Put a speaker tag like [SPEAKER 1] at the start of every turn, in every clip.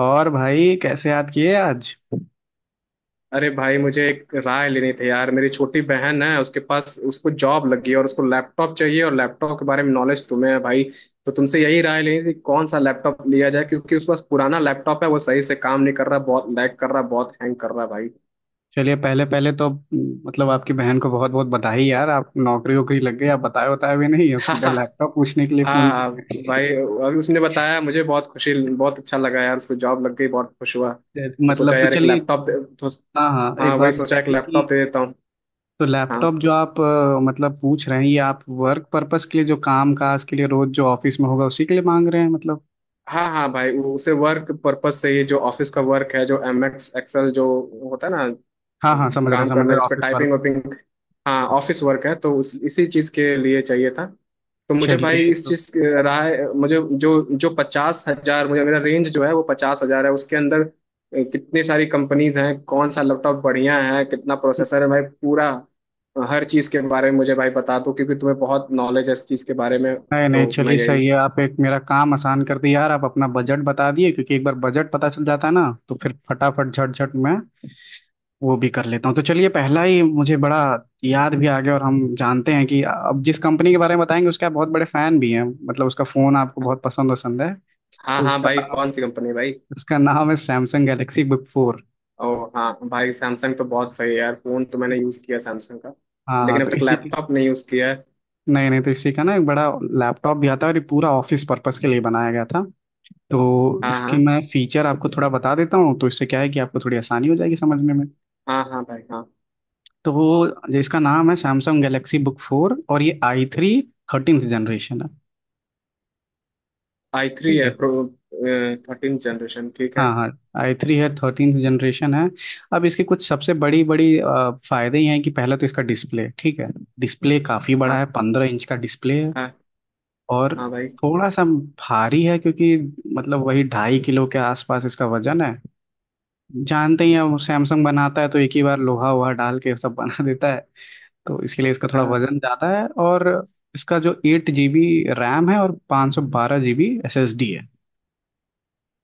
[SPEAKER 1] और भाई कैसे याद किए आज।
[SPEAKER 2] अरे भाई मुझे एक राय लेनी थी यार, मेरी छोटी बहन है, उसके पास उसको जॉब लगी है और उसको लैपटॉप चाहिए और लैपटॉप के बारे में नॉलेज तुम्हें है भाई। तो तुमसे यही राय लेनी थी, कौन सा लैपटॉप लिया जाए, क्योंकि उसके पास पुराना लैपटॉप है, वो सही से काम नहीं कर रहा, बहुत लैग कर रहा, बहुत हैंग कर रहा भाई।
[SPEAKER 1] चलिए पहले पहले तो मतलब आपकी बहन को बहुत बहुत बधाई यार। आप नौकरी वोकरी लग गई, आप बताए बताए भी नहीं, अब सीधा
[SPEAKER 2] हाँ।
[SPEAKER 1] लैपटॉप पूछने के लिए फोन
[SPEAKER 2] हाँ भाई,
[SPEAKER 1] किए।
[SPEAKER 2] अभी उसने बताया मुझे, बहुत खुशी, बहुत अच्छा लगा यार, उसको जॉब लग गई, बहुत खुश हुआ, तो सोचा
[SPEAKER 1] मतलब तो
[SPEAKER 2] यार एक
[SPEAKER 1] चलिए।
[SPEAKER 2] लैपटॉप
[SPEAKER 1] हाँ हाँ,
[SPEAKER 2] हाँ
[SPEAKER 1] एक
[SPEAKER 2] वही
[SPEAKER 1] बात
[SPEAKER 2] सोचा एक
[SPEAKER 1] बताइए
[SPEAKER 2] लैपटॉप
[SPEAKER 1] कि
[SPEAKER 2] दे देता हूँ।
[SPEAKER 1] तो
[SPEAKER 2] हाँ
[SPEAKER 1] लैपटॉप जो आप मतलब पूछ रहे हैं, ये आप वर्क पर्पस के लिए, जो काम काज के लिए रोज जो ऑफिस में होगा उसी के लिए मांग रहे हैं मतलब।
[SPEAKER 2] हाँ। हाँ भाई उसे वर्क पर्पस से, ये जो ऑफिस का वर्क है, जो एम एक्स एक्सेल जो होता है ना,
[SPEAKER 1] हाँ हाँ समझ रहे हैं,
[SPEAKER 2] काम
[SPEAKER 1] समझ
[SPEAKER 2] करना
[SPEAKER 1] रहे हैं,
[SPEAKER 2] जिसपे
[SPEAKER 1] ऑफिस
[SPEAKER 2] टाइपिंग
[SPEAKER 1] वाला।
[SPEAKER 2] वाइपिंग। हाँ ऑफिस वर्क है तो इसी चीज के लिए चाहिए था। तो मुझे भाई,
[SPEAKER 1] चलिए
[SPEAKER 2] इस
[SPEAKER 1] तो।
[SPEAKER 2] चीज रहा है मुझे, जो जो पचास हजार मुझे, मेरा रेंज जो है वो 50,000 है, उसके अंदर कितनी सारी कंपनीज हैं, कौन सा लैपटॉप बढ़िया है, कितना प्रोसेसर है भाई पूरा हर चीज के बारे में मुझे भाई बता दो, क्योंकि तुम्हें बहुत नॉलेज है इस चीज के बारे में,
[SPEAKER 1] नहीं नहीं
[SPEAKER 2] तो मैं
[SPEAKER 1] चलिए
[SPEAKER 2] यही।
[SPEAKER 1] सही है, आप एक मेरा काम आसान कर दिए यार, आप अपना बजट बता दिए, क्योंकि एक बार बजट पता चल जाता है ना तो फिर फटाफट झटझट मैं वो भी कर लेता हूँ। तो चलिए पहला ही मुझे बड़ा याद भी आ गया। और हम जानते हैं कि अब जिस कंपनी के बारे में बताएंगे उसके आप बहुत बड़े फैन भी हैं, मतलब उसका फोन आपको बहुत पसंद पसंद है।
[SPEAKER 2] हाँ
[SPEAKER 1] तो
[SPEAKER 2] हाँ
[SPEAKER 1] उसका
[SPEAKER 2] भाई,
[SPEAKER 1] नाम,
[SPEAKER 2] कौन सी कंपनी भाई?
[SPEAKER 1] उसका नाम है सैमसंग गैलेक्सी बुक फोर।
[SPEAKER 2] ओ हाँ भाई, सैमसंग तो बहुत सही है यार, फोन तो मैंने यूज किया सैमसंग का,
[SPEAKER 1] हाँ हाँ
[SPEAKER 2] लेकिन
[SPEAKER 1] तो
[SPEAKER 2] अब तक
[SPEAKER 1] इसी के,
[SPEAKER 2] लैपटॉप नहीं यूज किया है।
[SPEAKER 1] नहीं नहीं तो इसी का ना एक बड़ा लैपटॉप भी आता है, और ये पूरा ऑफिस पर्पस के लिए बनाया गया था। तो
[SPEAKER 2] हाँ
[SPEAKER 1] इसकी
[SPEAKER 2] हाँ।
[SPEAKER 1] मैं फीचर आपको थोड़ा बता देता हूँ, तो इससे क्या है कि आपको थोड़ी आसानी हो जाएगी समझने में।
[SPEAKER 2] हाँ हाँ भाई हाँ।
[SPEAKER 1] तो वो जो इसका नाम है सैमसंग गैलेक्सी बुक फोर, और ये आई थ्री थर्टींथ जनरेशन है।
[SPEAKER 2] आई थ्री
[SPEAKER 1] ठीक
[SPEAKER 2] है
[SPEAKER 1] है।
[SPEAKER 2] प्रो, थर्टीन जनरेशन, ठीक है।
[SPEAKER 1] हाँ हाँ, आई थ्री है, थर्टींथ जनरेशन है। अब इसके कुछ सबसे बड़ी बड़ी फायदे ये हैं कि पहला तो इसका डिस्प्ले ठीक है, डिस्प्ले काफ़ी बड़ा
[SPEAKER 2] हाँ
[SPEAKER 1] है, पंद्रह इंच का डिस्प्ले है।
[SPEAKER 2] हाँ
[SPEAKER 1] और
[SPEAKER 2] हाँ भाई
[SPEAKER 1] थोड़ा सा भारी है, क्योंकि मतलब वही ढाई किलो के आसपास इसका वजन है। जानते ही हैं वो सैमसंग बनाता है तो एक ही बार लोहा वोहा डाल के सब बना देता है, तो इसके लिए इसका थोड़ा
[SPEAKER 2] हाँ।
[SPEAKER 1] वजन ज़्यादा है। और इसका जो एट जी बी रैम है, और पाँच सौ बारह G B S S D है।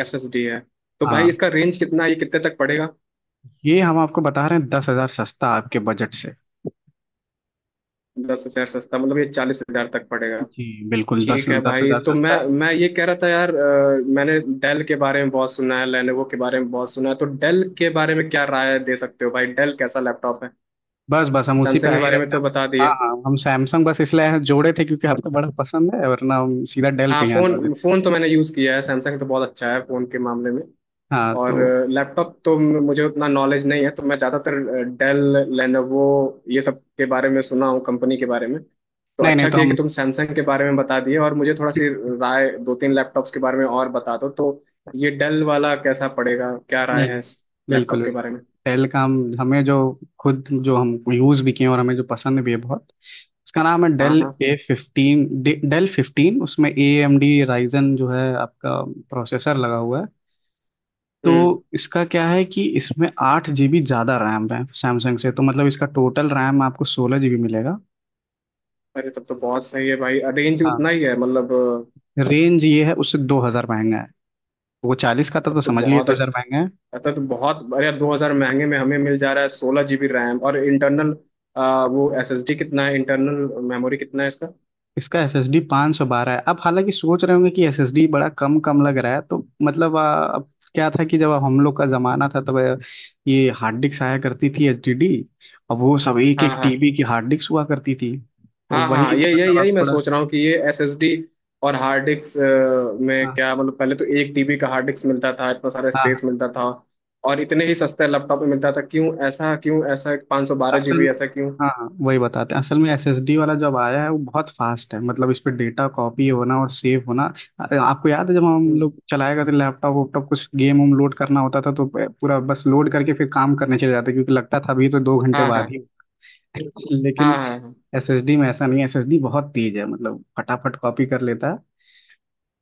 [SPEAKER 2] एस एस डी है। तो भाई
[SPEAKER 1] हाँ
[SPEAKER 2] इसका रेंज कितना है? ये कितने तक पड़ेगा?
[SPEAKER 1] ये हम आपको बता रहे हैं दस हज़ार सस्ता आपके बजट से।
[SPEAKER 2] 10,000 सस्ता, मतलब ये 40,000 तक पड़ेगा?
[SPEAKER 1] जी बिल्कुल, दस
[SPEAKER 2] ठीक है
[SPEAKER 1] दस
[SPEAKER 2] भाई,
[SPEAKER 1] हज़ार
[SPEAKER 2] तो
[SPEAKER 1] सस्ता
[SPEAKER 2] मैं
[SPEAKER 1] है।
[SPEAKER 2] मैं ये कह रहा था यार, मैंने डेल के बारे में बहुत सुना है, लेनोवो के बारे में बहुत सुना है, तो डेल के बारे में क्या राय दे सकते हो भाई, डेल कैसा लैपटॉप है?
[SPEAKER 1] बस बस हम उसी पे
[SPEAKER 2] सैमसंग
[SPEAKER 1] आ
[SPEAKER 2] के
[SPEAKER 1] ही
[SPEAKER 2] बारे में
[SPEAKER 1] रहते हैं।
[SPEAKER 2] तो बता
[SPEAKER 1] हाँ
[SPEAKER 2] दिए।
[SPEAKER 1] हाँ हम सैमसंग बस इसलिए जोड़े थे क्योंकि आपको बड़ा पसंद है, वरना हम सीधा डेल पे
[SPEAKER 2] हाँ,
[SPEAKER 1] ही आने वाले
[SPEAKER 2] फोन
[SPEAKER 1] थे।
[SPEAKER 2] फोन तो मैंने यूज़ किया है सैमसंग, तो बहुत अच्छा है फोन के मामले में,
[SPEAKER 1] हाँ
[SPEAKER 2] और
[SPEAKER 1] तो,
[SPEAKER 2] लैपटॉप तो मुझे उतना नॉलेज नहीं है, तो मैं ज़्यादातर डेल, लेनोवो ये सब के बारे में सुना हूँ कंपनी के बारे में, तो
[SPEAKER 1] नहीं नहीं
[SPEAKER 2] अच्छा
[SPEAKER 1] तो
[SPEAKER 2] किया कि
[SPEAKER 1] हम,
[SPEAKER 2] तुम सैमसंग के बारे में बता दिए, और मुझे थोड़ा सी राय, दो तीन लैपटॉप्स के बारे में और बता दो तो। ये डेल वाला कैसा पड़ेगा, क्या राय
[SPEAKER 1] नहीं
[SPEAKER 2] है
[SPEAKER 1] नहीं
[SPEAKER 2] इस
[SPEAKER 1] बिल्कुल
[SPEAKER 2] लैपटॉप के बारे
[SPEAKER 1] बिल्कुल,
[SPEAKER 2] में?
[SPEAKER 1] पहले काम हमें जो, खुद जो हम यूज़ भी किए हैं और हमें जो पसंद भी है बहुत, उसका नाम है
[SPEAKER 2] हाँ
[SPEAKER 1] डेल
[SPEAKER 2] हाँ।
[SPEAKER 1] A fifteen. डेल फिफ्टीन, उसमें ए एम डी राइजन जो है आपका प्रोसेसर लगा हुआ है। तो
[SPEAKER 2] हम्म।
[SPEAKER 1] इसका क्या है कि इसमें आठ जीबी ज़्यादा रैम है सैमसंग से, तो मतलब इसका टोटल रैम आपको सोलह जीबी मिलेगा।
[SPEAKER 2] अरे तब तो बहुत सही है भाई, रेंज
[SPEAKER 1] हाँ
[SPEAKER 2] उतना ही है मतलब
[SPEAKER 1] रेंज ये है, उससे दो हज़ार महंगा है। वो चालीस का था
[SPEAKER 2] तब
[SPEAKER 1] तो
[SPEAKER 2] तो
[SPEAKER 1] समझ लिए
[SPEAKER 2] बहुत,
[SPEAKER 1] दो हज़ार महंगा है।
[SPEAKER 2] तो बहुत, अरे 2,000 महंगे में हमें मिल जा रहा है 16 जीबी रैम और इंटरनल वो एसएसडी कितना है, इंटरनल मेमोरी कितना है इसका?
[SPEAKER 1] इसका एसएसडी 512 सौ बारह है। आप हालांकि सोच रहे होंगे कि एसएसडी बड़ा कम कम लग रहा है, तो मतलब अब क्या था कि जब हम लोग का जमाना था तब ये हार्ड डिस्क आया करती थी, एचडीडी। अब वो सब एक
[SPEAKER 2] हाँ
[SPEAKER 1] एक
[SPEAKER 2] हाँ।
[SPEAKER 1] टीबी की हार्ड डिस्क हुआ करती थी, तो
[SPEAKER 2] हाँ हाँ
[SPEAKER 1] वही
[SPEAKER 2] ये, यही
[SPEAKER 1] मतलब आप
[SPEAKER 2] यही मैं
[SPEAKER 1] थोड़ा,
[SPEAKER 2] सोच रहा हूँ कि ये एसएसडी और हार्ड डिस्क में
[SPEAKER 1] हाँ
[SPEAKER 2] क्या मतलब, पहले तो 1 टीबी का हार्ड डिस्क मिलता था, इतना सारा
[SPEAKER 1] हाँ
[SPEAKER 2] स्पेस
[SPEAKER 1] हाँ,
[SPEAKER 2] मिलता था और इतने ही सस्ते लैपटॉप में मिलता था, क्यों ऐसा, क्यों ऐसा पाँच सौ बारह
[SPEAKER 1] असल,
[SPEAKER 2] जीबी ऐसा क्यों?
[SPEAKER 1] हाँ वही बताते हैं, असल में एसएसडी वाला जब आया है वो बहुत फास्ट है, मतलब इस पे डेटा कॉपी होना और सेव होना। आपको याद है जब हम
[SPEAKER 2] हम्म,
[SPEAKER 1] लोग चलाया करते लैपटॉप वैपटॉप, कुछ गेम लोड करना होता था तो पूरा बस लोड करके फिर काम करने चले जाते, क्योंकि लगता था अभी तो दो घंटे
[SPEAKER 2] हाँ
[SPEAKER 1] बाद
[SPEAKER 2] हाँ
[SPEAKER 1] ही।
[SPEAKER 2] हाँ
[SPEAKER 1] लेकिन
[SPEAKER 2] हाँ हाँ।
[SPEAKER 1] एसएसडी में ऐसा नहीं है, एसएसडी बहुत तेज है, मतलब फटाफट कॉपी कर लेता है।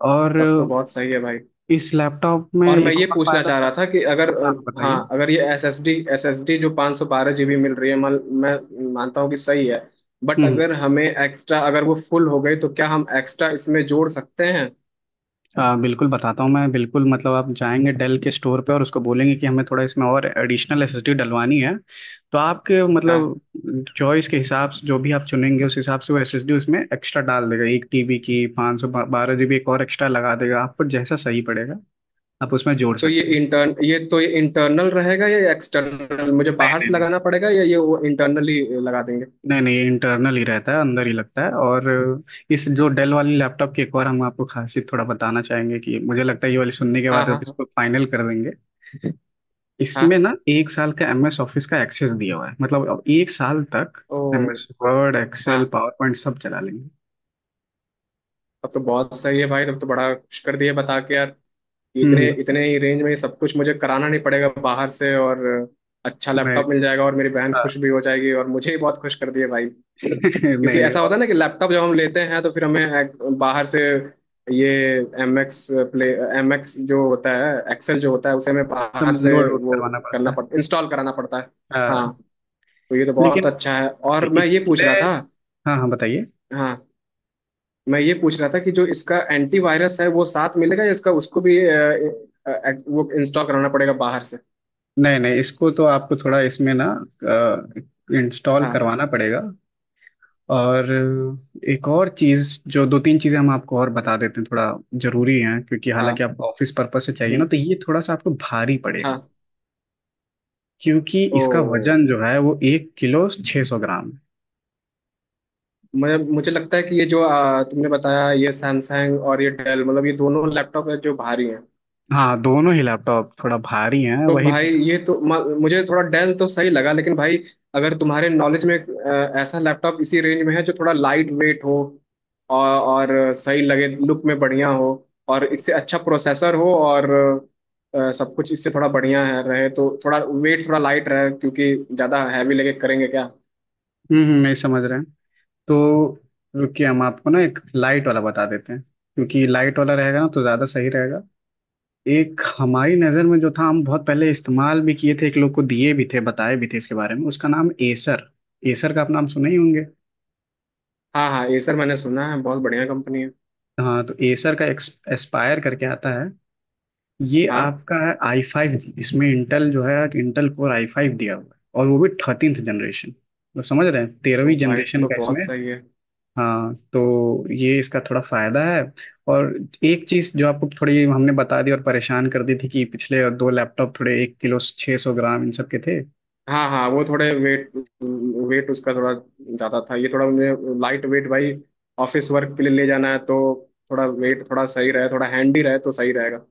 [SPEAKER 1] और
[SPEAKER 2] तब तो बहुत सही है भाई।
[SPEAKER 1] इस लैपटॉप में
[SPEAKER 2] और मैं
[SPEAKER 1] एक
[SPEAKER 2] ये
[SPEAKER 1] और
[SPEAKER 2] पूछना
[SPEAKER 1] फायदा
[SPEAKER 2] चाह
[SPEAKER 1] है।
[SPEAKER 2] रहा था कि अगर
[SPEAKER 1] हाँ बताइए।
[SPEAKER 2] हाँ, अगर ये एस एस डी जो 512 जी बी मिल रही है, मान, मैं मानता हूँ कि सही है, बट
[SPEAKER 1] हम्म,
[SPEAKER 2] अगर हमें एक्स्ट्रा, अगर वो फुल हो गई, तो क्या हम एक्स्ट्रा इसमें जोड़ सकते हैं?
[SPEAKER 1] बिल्कुल बताता हूँ, मैं बिल्कुल मतलब आप जाएंगे डेल के स्टोर पे और उसको बोलेंगे कि हमें थोड़ा इसमें और एडिशनल एसएसडी डलवानी है। तो आपके
[SPEAKER 2] हाँ।
[SPEAKER 1] मतलब चॉइस के हिसाब से जो भी आप चुनेंगे उस हिसाब से वो एसएसडी उसमें एक्स्ट्रा डाल देगा, एक टीबी की पाँच सौ बारह जीबी एक और एक्स्ट्रा लगा देगा, आपको जैसा सही पड़ेगा आप उसमें जोड़
[SPEAKER 2] तो ये
[SPEAKER 1] सकते हैं।
[SPEAKER 2] इंटर्न ये तो ये इंटरनल रहेगा या एक्सटर्नल, मुझे
[SPEAKER 1] नहीं
[SPEAKER 2] बाहर से
[SPEAKER 1] नहीं नहीं
[SPEAKER 2] लगाना पड़ेगा, या ये वो इंटरनली लगा देंगे?
[SPEAKER 1] नहीं नहीं ये इंटरनल ही रहता है, अंदर ही लगता है। और इस जो डेल वाली लैपटॉप की एक और हम आपको खासियत थोड़ा बताना चाहेंगे कि मुझे लगता है ये वाली सुनने के
[SPEAKER 2] हाँ
[SPEAKER 1] बाद
[SPEAKER 2] हाँ
[SPEAKER 1] आप
[SPEAKER 2] हाँ।
[SPEAKER 1] इसको फाइनल कर देंगे। इसमें
[SPEAKER 2] हाँ।
[SPEAKER 1] ना एक साल का एमएस ऑफिस का एक्सेस दिया हुआ है, मतलब अब एक साल तक
[SPEAKER 2] ओ।
[SPEAKER 1] एमएस वर्ड एक्सेल
[SPEAKER 2] हाँ
[SPEAKER 1] पावर पॉइंट सब चला लेंगे।
[SPEAKER 2] तब तो बहुत सही है भाई, तब तो बड़ा खुश कर दिए बता के यार, इतने
[SPEAKER 1] हम्म।
[SPEAKER 2] इतने ही रेंज में सब कुछ मुझे कराना नहीं पड़ेगा बाहर से, और अच्छा
[SPEAKER 1] नहीं,
[SPEAKER 2] लैपटॉप मिल जाएगा, और मेरी बहन
[SPEAKER 1] हाँ,
[SPEAKER 2] खुश भी हो जाएगी और मुझे ही बहुत खुश कर दिए भाई। क्योंकि
[SPEAKER 1] नहीं नहीं।
[SPEAKER 2] ऐसा होता
[SPEAKER 1] और
[SPEAKER 2] है ना कि लैपटॉप जब हम लेते हैं, तो फिर हमें बाहर से ये, M X play M X जो होता है, एक्सेल जो होता है, उसे हमें
[SPEAKER 1] सब
[SPEAKER 2] बाहर से,
[SPEAKER 1] लोड वोड
[SPEAKER 2] वो
[SPEAKER 1] करवाना पड़ता
[SPEAKER 2] करना
[SPEAKER 1] है।
[SPEAKER 2] पड़ता, इंस्टॉल कराना पड़ता है। हाँ।
[SPEAKER 1] हाँ
[SPEAKER 2] तो ये तो बहुत
[SPEAKER 1] लेकिन
[SPEAKER 2] अच्छा है। और मैं ये पूछ
[SPEAKER 1] इसमें,
[SPEAKER 2] रहा था।
[SPEAKER 1] हाँ हाँ बताइए,
[SPEAKER 2] हाँ मैं ये पूछ रहा था कि जो इसका एंटीवायरस है, वो साथ मिलेगा, या इसका उसको भी वो इंस्टॉल कराना पड़ेगा बाहर से?
[SPEAKER 1] नहीं नहीं, इसको तो आपको थोड़ा इसमें ना इंस्टॉल
[SPEAKER 2] हाँ
[SPEAKER 1] करवाना पड़ेगा। और एक और चीज़, जो दो तीन चीज़ें हम आपको और बता देते हैं, थोड़ा ज़रूरी है क्योंकि हालांकि
[SPEAKER 2] हाँ।
[SPEAKER 1] आपको ऑफिस पर्पस से चाहिए ना
[SPEAKER 2] हम्म,
[SPEAKER 1] तो ये थोड़ा सा आपको भारी पड़ेगा,
[SPEAKER 2] हाँ।
[SPEAKER 1] क्योंकि
[SPEAKER 2] ओ।
[SPEAKER 1] इसका वजन जो है वो एक किलो छः सौ ग्राम है।
[SPEAKER 2] मैं मुझे लगता है कि ये जो तुमने बताया, ये सैमसंग और ये डेल, मतलब ये दोनों लैपटॉप है जो भारी हैं।
[SPEAKER 1] हाँ दोनों ही लैपटॉप थोड़ा भारी हैं,
[SPEAKER 2] तो
[SPEAKER 1] वही
[SPEAKER 2] भाई ये तो मुझे थोड़ा डेल तो सही लगा, लेकिन भाई, अगर तुम्हारे नॉलेज में ऐसा लैपटॉप इसी रेंज में है जो थोड़ा लाइट वेट हो, और सही लगे, लुक में बढ़िया हो, और इससे अच्छा प्रोसेसर हो, और सब कुछ इससे थोड़ा बढ़िया है रहे, तो थोड़ा वेट थोड़ा लाइट रहे, क्योंकि ज़्यादा हैवी लगे करेंगे क्या।
[SPEAKER 1] मैं समझ रहे हैं। तो रुकिए हम आपको ना एक लाइट वाला बता देते हैं, क्योंकि लाइट वाला रहेगा ना तो ज़्यादा सही रहेगा। एक हमारी नज़र में जो था, हम बहुत पहले इस्तेमाल भी किए थे, एक लोग को दिए भी थे, बताए भी थे इसके बारे में, उसका नाम एसर। एसर का आप नाम सुने ही होंगे।
[SPEAKER 2] हाँ हाँ, एसर मैंने सुना है, बहुत बढ़िया कंपनी है।
[SPEAKER 1] हाँ तो एसर का एक्स एस्पायर करके आता है, ये
[SPEAKER 2] हाँ
[SPEAKER 1] आपका है आई फाइव जी, इसमें इंटेल जो है इंटेल कोर आई फाइव दिया हुआ है, और वो भी थर्टींथ जनरेशन, तो समझ रहे हैं तेरहवीं
[SPEAKER 2] तो भाई
[SPEAKER 1] जनरेशन
[SPEAKER 2] तो
[SPEAKER 1] का इसमें।
[SPEAKER 2] बहुत सही है।
[SPEAKER 1] हाँ तो ये इसका थोड़ा फायदा है। और एक चीज जो आपको थोड़ी हमने बता दी और परेशान कर दी थी कि पिछले दो लैपटॉप थोड़े एक किलो छः सौ ग्राम इन सब के थे।
[SPEAKER 2] हाँ हाँ, वो थोड़े वेट, वेट उसका थोड़ा ज़्यादा था, ये थोड़ा मुझे लाइट वेट भाई, ऑफिस वर्क के लिए ले जाना है, तो थोड़ा वेट थोड़ा सही रहे, थोड़ा हैंडी रहे तो सही रहेगा।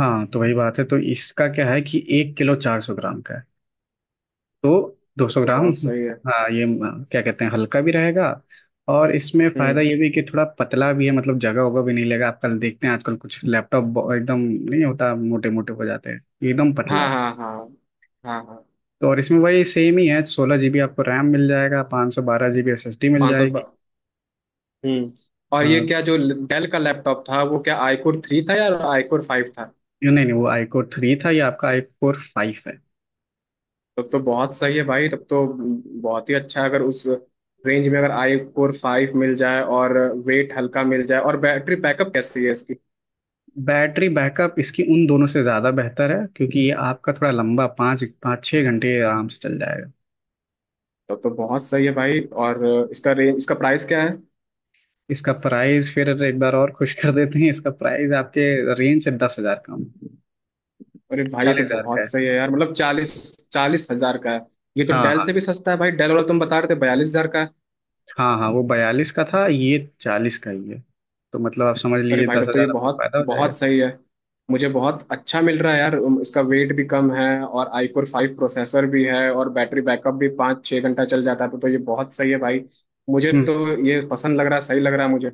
[SPEAKER 1] हाँ तो वही बात है, तो इसका क्या है कि एक किलो चार सौ ग्राम का है, तो
[SPEAKER 2] तो,
[SPEAKER 1] 200
[SPEAKER 2] तो
[SPEAKER 1] ग्राम।
[SPEAKER 2] बहुत सही है।
[SPEAKER 1] हाँ ये क्या कहते हैं, हल्का भी रहेगा। और इसमें फायदा
[SPEAKER 2] हम्म।
[SPEAKER 1] ये भी कि थोड़ा पतला भी है, मतलब जगह होगा भी नहीं लेगा। आप कल देखते हैं आजकल कुछ लैपटॉप एकदम नहीं होता, मोटे मोटे हो जाते हैं, ये एकदम पतला
[SPEAKER 2] हाँ
[SPEAKER 1] है।
[SPEAKER 2] हाँ हाँ हाँ हाँ।
[SPEAKER 1] तो और इसमें वही सेम ही है, सोलह जीबी आपको रैम मिल जाएगा, पाँच सौ बारह जीबी एस एस डी मिल
[SPEAKER 2] पाँच सौ।
[SPEAKER 1] जाएगी।
[SPEAKER 2] हम्म। और ये
[SPEAKER 1] हाँ
[SPEAKER 2] क्या, जो डेल का लैपटॉप था, वो क्या आईकोर थ्री था या आईकोर फाइव था?
[SPEAKER 1] ये, नहीं नहीं, वो आई कोर थ्री था, ये आपका आई कोर फाइव है।
[SPEAKER 2] तब तो बहुत सही है भाई, तब तो बहुत ही अच्छा है। अगर उस रेंज में अगर आई कोर फाइव मिल जाए, और वेट हल्का मिल जाए, और बैटरी बैकअप कैसी है इसकी?
[SPEAKER 1] बैटरी बैकअप इसकी उन दोनों से ज़्यादा बेहतर है, क्योंकि ये आपका थोड़ा लंबा पाँच पाँच छः घंटे आराम से चल जाएगा।
[SPEAKER 2] तब तो बहुत सही है भाई। और इसका रेंज, इसका प्राइस क्या है?
[SPEAKER 1] इसका प्राइस फिर एक बार और खुश कर देते हैं, इसका प्राइस आपके रेंज से दस हजार कम,
[SPEAKER 2] अरे भाई ये तो
[SPEAKER 1] चालीस हजार का
[SPEAKER 2] बहुत
[SPEAKER 1] है।
[SPEAKER 2] सही है यार, मतलब चालीस। चालीस हजार का है? ये तो
[SPEAKER 1] हाँ
[SPEAKER 2] डेल
[SPEAKER 1] हाँ,
[SPEAKER 2] से भी सस्ता है भाई, डेल वाला तुम बता रहे थे 42,000 का है।
[SPEAKER 1] हाँ हाँ वो बयालीस का था, ये चालीस का ही है। तो मतलब आप समझ
[SPEAKER 2] अरे
[SPEAKER 1] लीजिए
[SPEAKER 2] भाई
[SPEAKER 1] दस
[SPEAKER 2] तब तो ये
[SPEAKER 1] हजार आपको
[SPEAKER 2] बहुत
[SPEAKER 1] फायदा हो जाएगा।
[SPEAKER 2] बहुत सही है, मुझे बहुत अच्छा मिल रहा है यार, इसका वेट भी कम है, और iCore फाइव प्रोसेसर भी है, और बैटरी बैकअप भी 5-6 घंटा चल जाता है, तो ये बहुत सही है भाई, मुझे
[SPEAKER 1] हम्म।
[SPEAKER 2] तो ये पसंद लग रहा है, सही लग रहा है मुझे।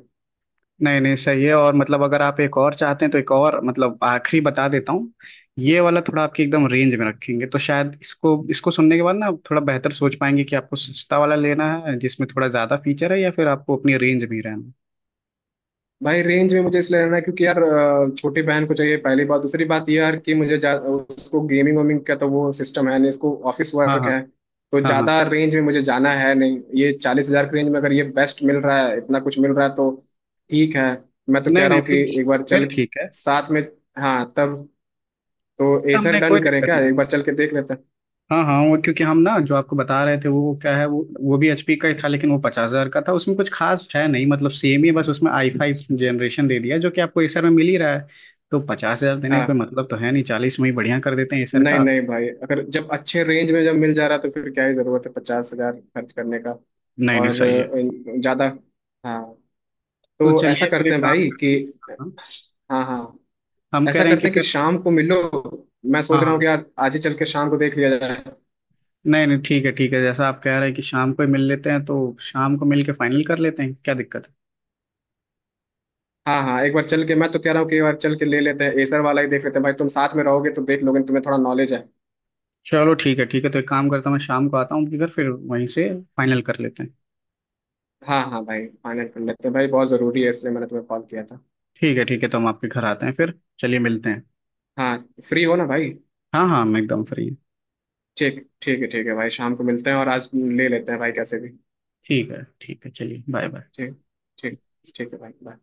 [SPEAKER 1] नहीं नहीं सही है। और मतलब अगर आप एक और चाहते हैं तो एक और मतलब आखिरी बता देता हूँ। ये वाला थोड़ा आपकी एकदम रेंज में रखेंगे, तो शायद इसको इसको सुनने के बाद ना आप थोड़ा बेहतर सोच पाएंगे कि आपको सस्ता वाला लेना है जिसमें थोड़ा ज्यादा फीचर है या फिर आपको अपनी रेंज में ही रहना है।
[SPEAKER 2] भाई रेंज में मुझे इसलिए लेना है, क्योंकि यार छोटी बहन को चाहिए पहली बात, दूसरी बात ये यार कि मुझे उसको गेमिंग वेमिंग का तो वो सिस्टम है नहीं, इसको ऑफिस
[SPEAKER 1] हाँ
[SPEAKER 2] वर्क
[SPEAKER 1] हाँ
[SPEAKER 2] है, तो
[SPEAKER 1] हाँ हाँ।
[SPEAKER 2] ज़्यादा रेंज में मुझे जाना है नहीं। ये 40,000 के रेंज में अगर ये बेस्ट मिल रहा है, इतना कुछ मिल रहा है तो ठीक है। मैं तो
[SPEAKER 1] नहीं
[SPEAKER 2] कह रहा
[SPEAKER 1] नहीं
[SPEAKER 2] हूँ कि
[SPEAKER 1] फिर,
[SPEAKER 2] एक बार
[SPEAKER 1] फिर
[SPEAKER 2] चल
[SPEAKER 1] ठीक है।
[SPEAKER 2] साथ में, हाँ तब तो एसर
[SPEAKER 1] हमने कोई
[SPEAKER 2] डन करें
[SPEAKER 1] दिक्कत
[SPEAKER 2] क्या,
[SPEAKER 1] नहीं
[SPEAKER 2] एक
[SPEAKER 1] है।
[SPEAKER 2] बार चल के देख लेते हैं।
[SPEAKER 1] हाँ हाँ, वो क्योंकि हम ना जो आपको बता रहे थे वो क्या है, वो भी एचपी का ही था, लेकिन वो पचास हजार का था, उसमें कुछ खास है नहीं, मतलब सेम ही है, बस उसमें आई फाइव जनरेशन दे दिया जो कि आपको एसर में मिल ही रहा है। तो पचास हजार देने का कोई
[SPEAKER 2] हाँ,
[SPEAKER 1] मतलब तो है नहीं, चालीस में ही बढ़िया कर देते हैं एसर
[SPEAKER 2] नहीं
[SPEAKER 1] का।
[SPEAKER 2] नहीं भाई, अगर जब अच्छे रेंज में जब मिल जा रहा है, तो फिर क्या ही ज़रूरत है 50,000 खर्च करने का।
[SPEAKER 1] नहीं
[SPEAKER 2] और
[SPEAKER 1] नहीं सही है।
[SPEAKER 2] ज़्यादा। हाँ
[SPEAKER 1] तो
[SPEAKER 2] तो ऐसा
[SPEAKER 1] चलिए फिर
[SPEAKER 2] करते
[SPEAKER 1] एक
[SPEAKER 2] हैं
[SPEAKER 1] काम
[SPEAKER 2] भाई
[SPEAKER 1] करते
[SPEAKER 2] कि,
[SPEAKER 1] हैं। हाँ, हाँ।
[SPEAKER 2] हाँ हाँ।
[SPEAKER 1] हम कह
[SPEAKER 2] ऐसा
[SPEAKER 1] रहे हैं
[SPEAKER 2] करते
[SPEAKER 1] कि
[SPEAKER 2] हैं कि
[SPEAKER 1] फिर,
[SPEAKER 2] शाम को मिलो, मैं सोच
[SPEAKER 1] हाँ
[SPEAKER 2] रहा हूँ
[SPEAKER 1] हाँ,
[SPEAKER 2] कि यार आज ही चल के शाम को देख लिया जाए।
[SPEAKER 1] नहीं नहीं ठीक है ठीक है, जैसा आप कह रहे हैं कि शाम को ही मिल लेते हैं तो शाम को मिल के फाइनल कर लेते हैं, क्या दिक्कत है।
[SPEAKER 2] हाँ हाँ, एक बार चल के, मैं तो कह रहा हूँ कि एक बार चल के ले लेते हैं एसर वाला ही, देख लेते हैं भाई, तुम साथ में रहोगे तो देख लोगे, तुम्हें थोड़ा नॉलेज है।
[SPEAKER 1] चलो ठीक है ठीक है, तो एक काम करता हूँ, मैं शाम को आता हूँ आपके घर, फिर वहीं से फाइनल कर लेते हैं।
[SPEAKER 2] हाँ हाँ भाई, फाइनल कर लेते हैं भाई, बहुत ज़रूरी है इसलिए मैंने तुम्हें कॉल किया था।
[SPEAKER 1] ठीक है ठीक है, तो हम आपके घर आते हैं, फिर चलिए मिलते हैं।
[SPEAKER 2] हाँ, फ्री हो ना भाई?
[SPEAKER 1] हाँ हाँ मैं एकदम फ्री हूँ।
[SPEAKER 2] ठीक ठीक है भाई, शाम को मिलते हैं और आज ले लेते हैं भाई कैसे भी।
[SPEAKER 1] ठीक है चलिए बाय बाय।
[SPEAKER 2] ठीक ठीक ठीक है भाई bye।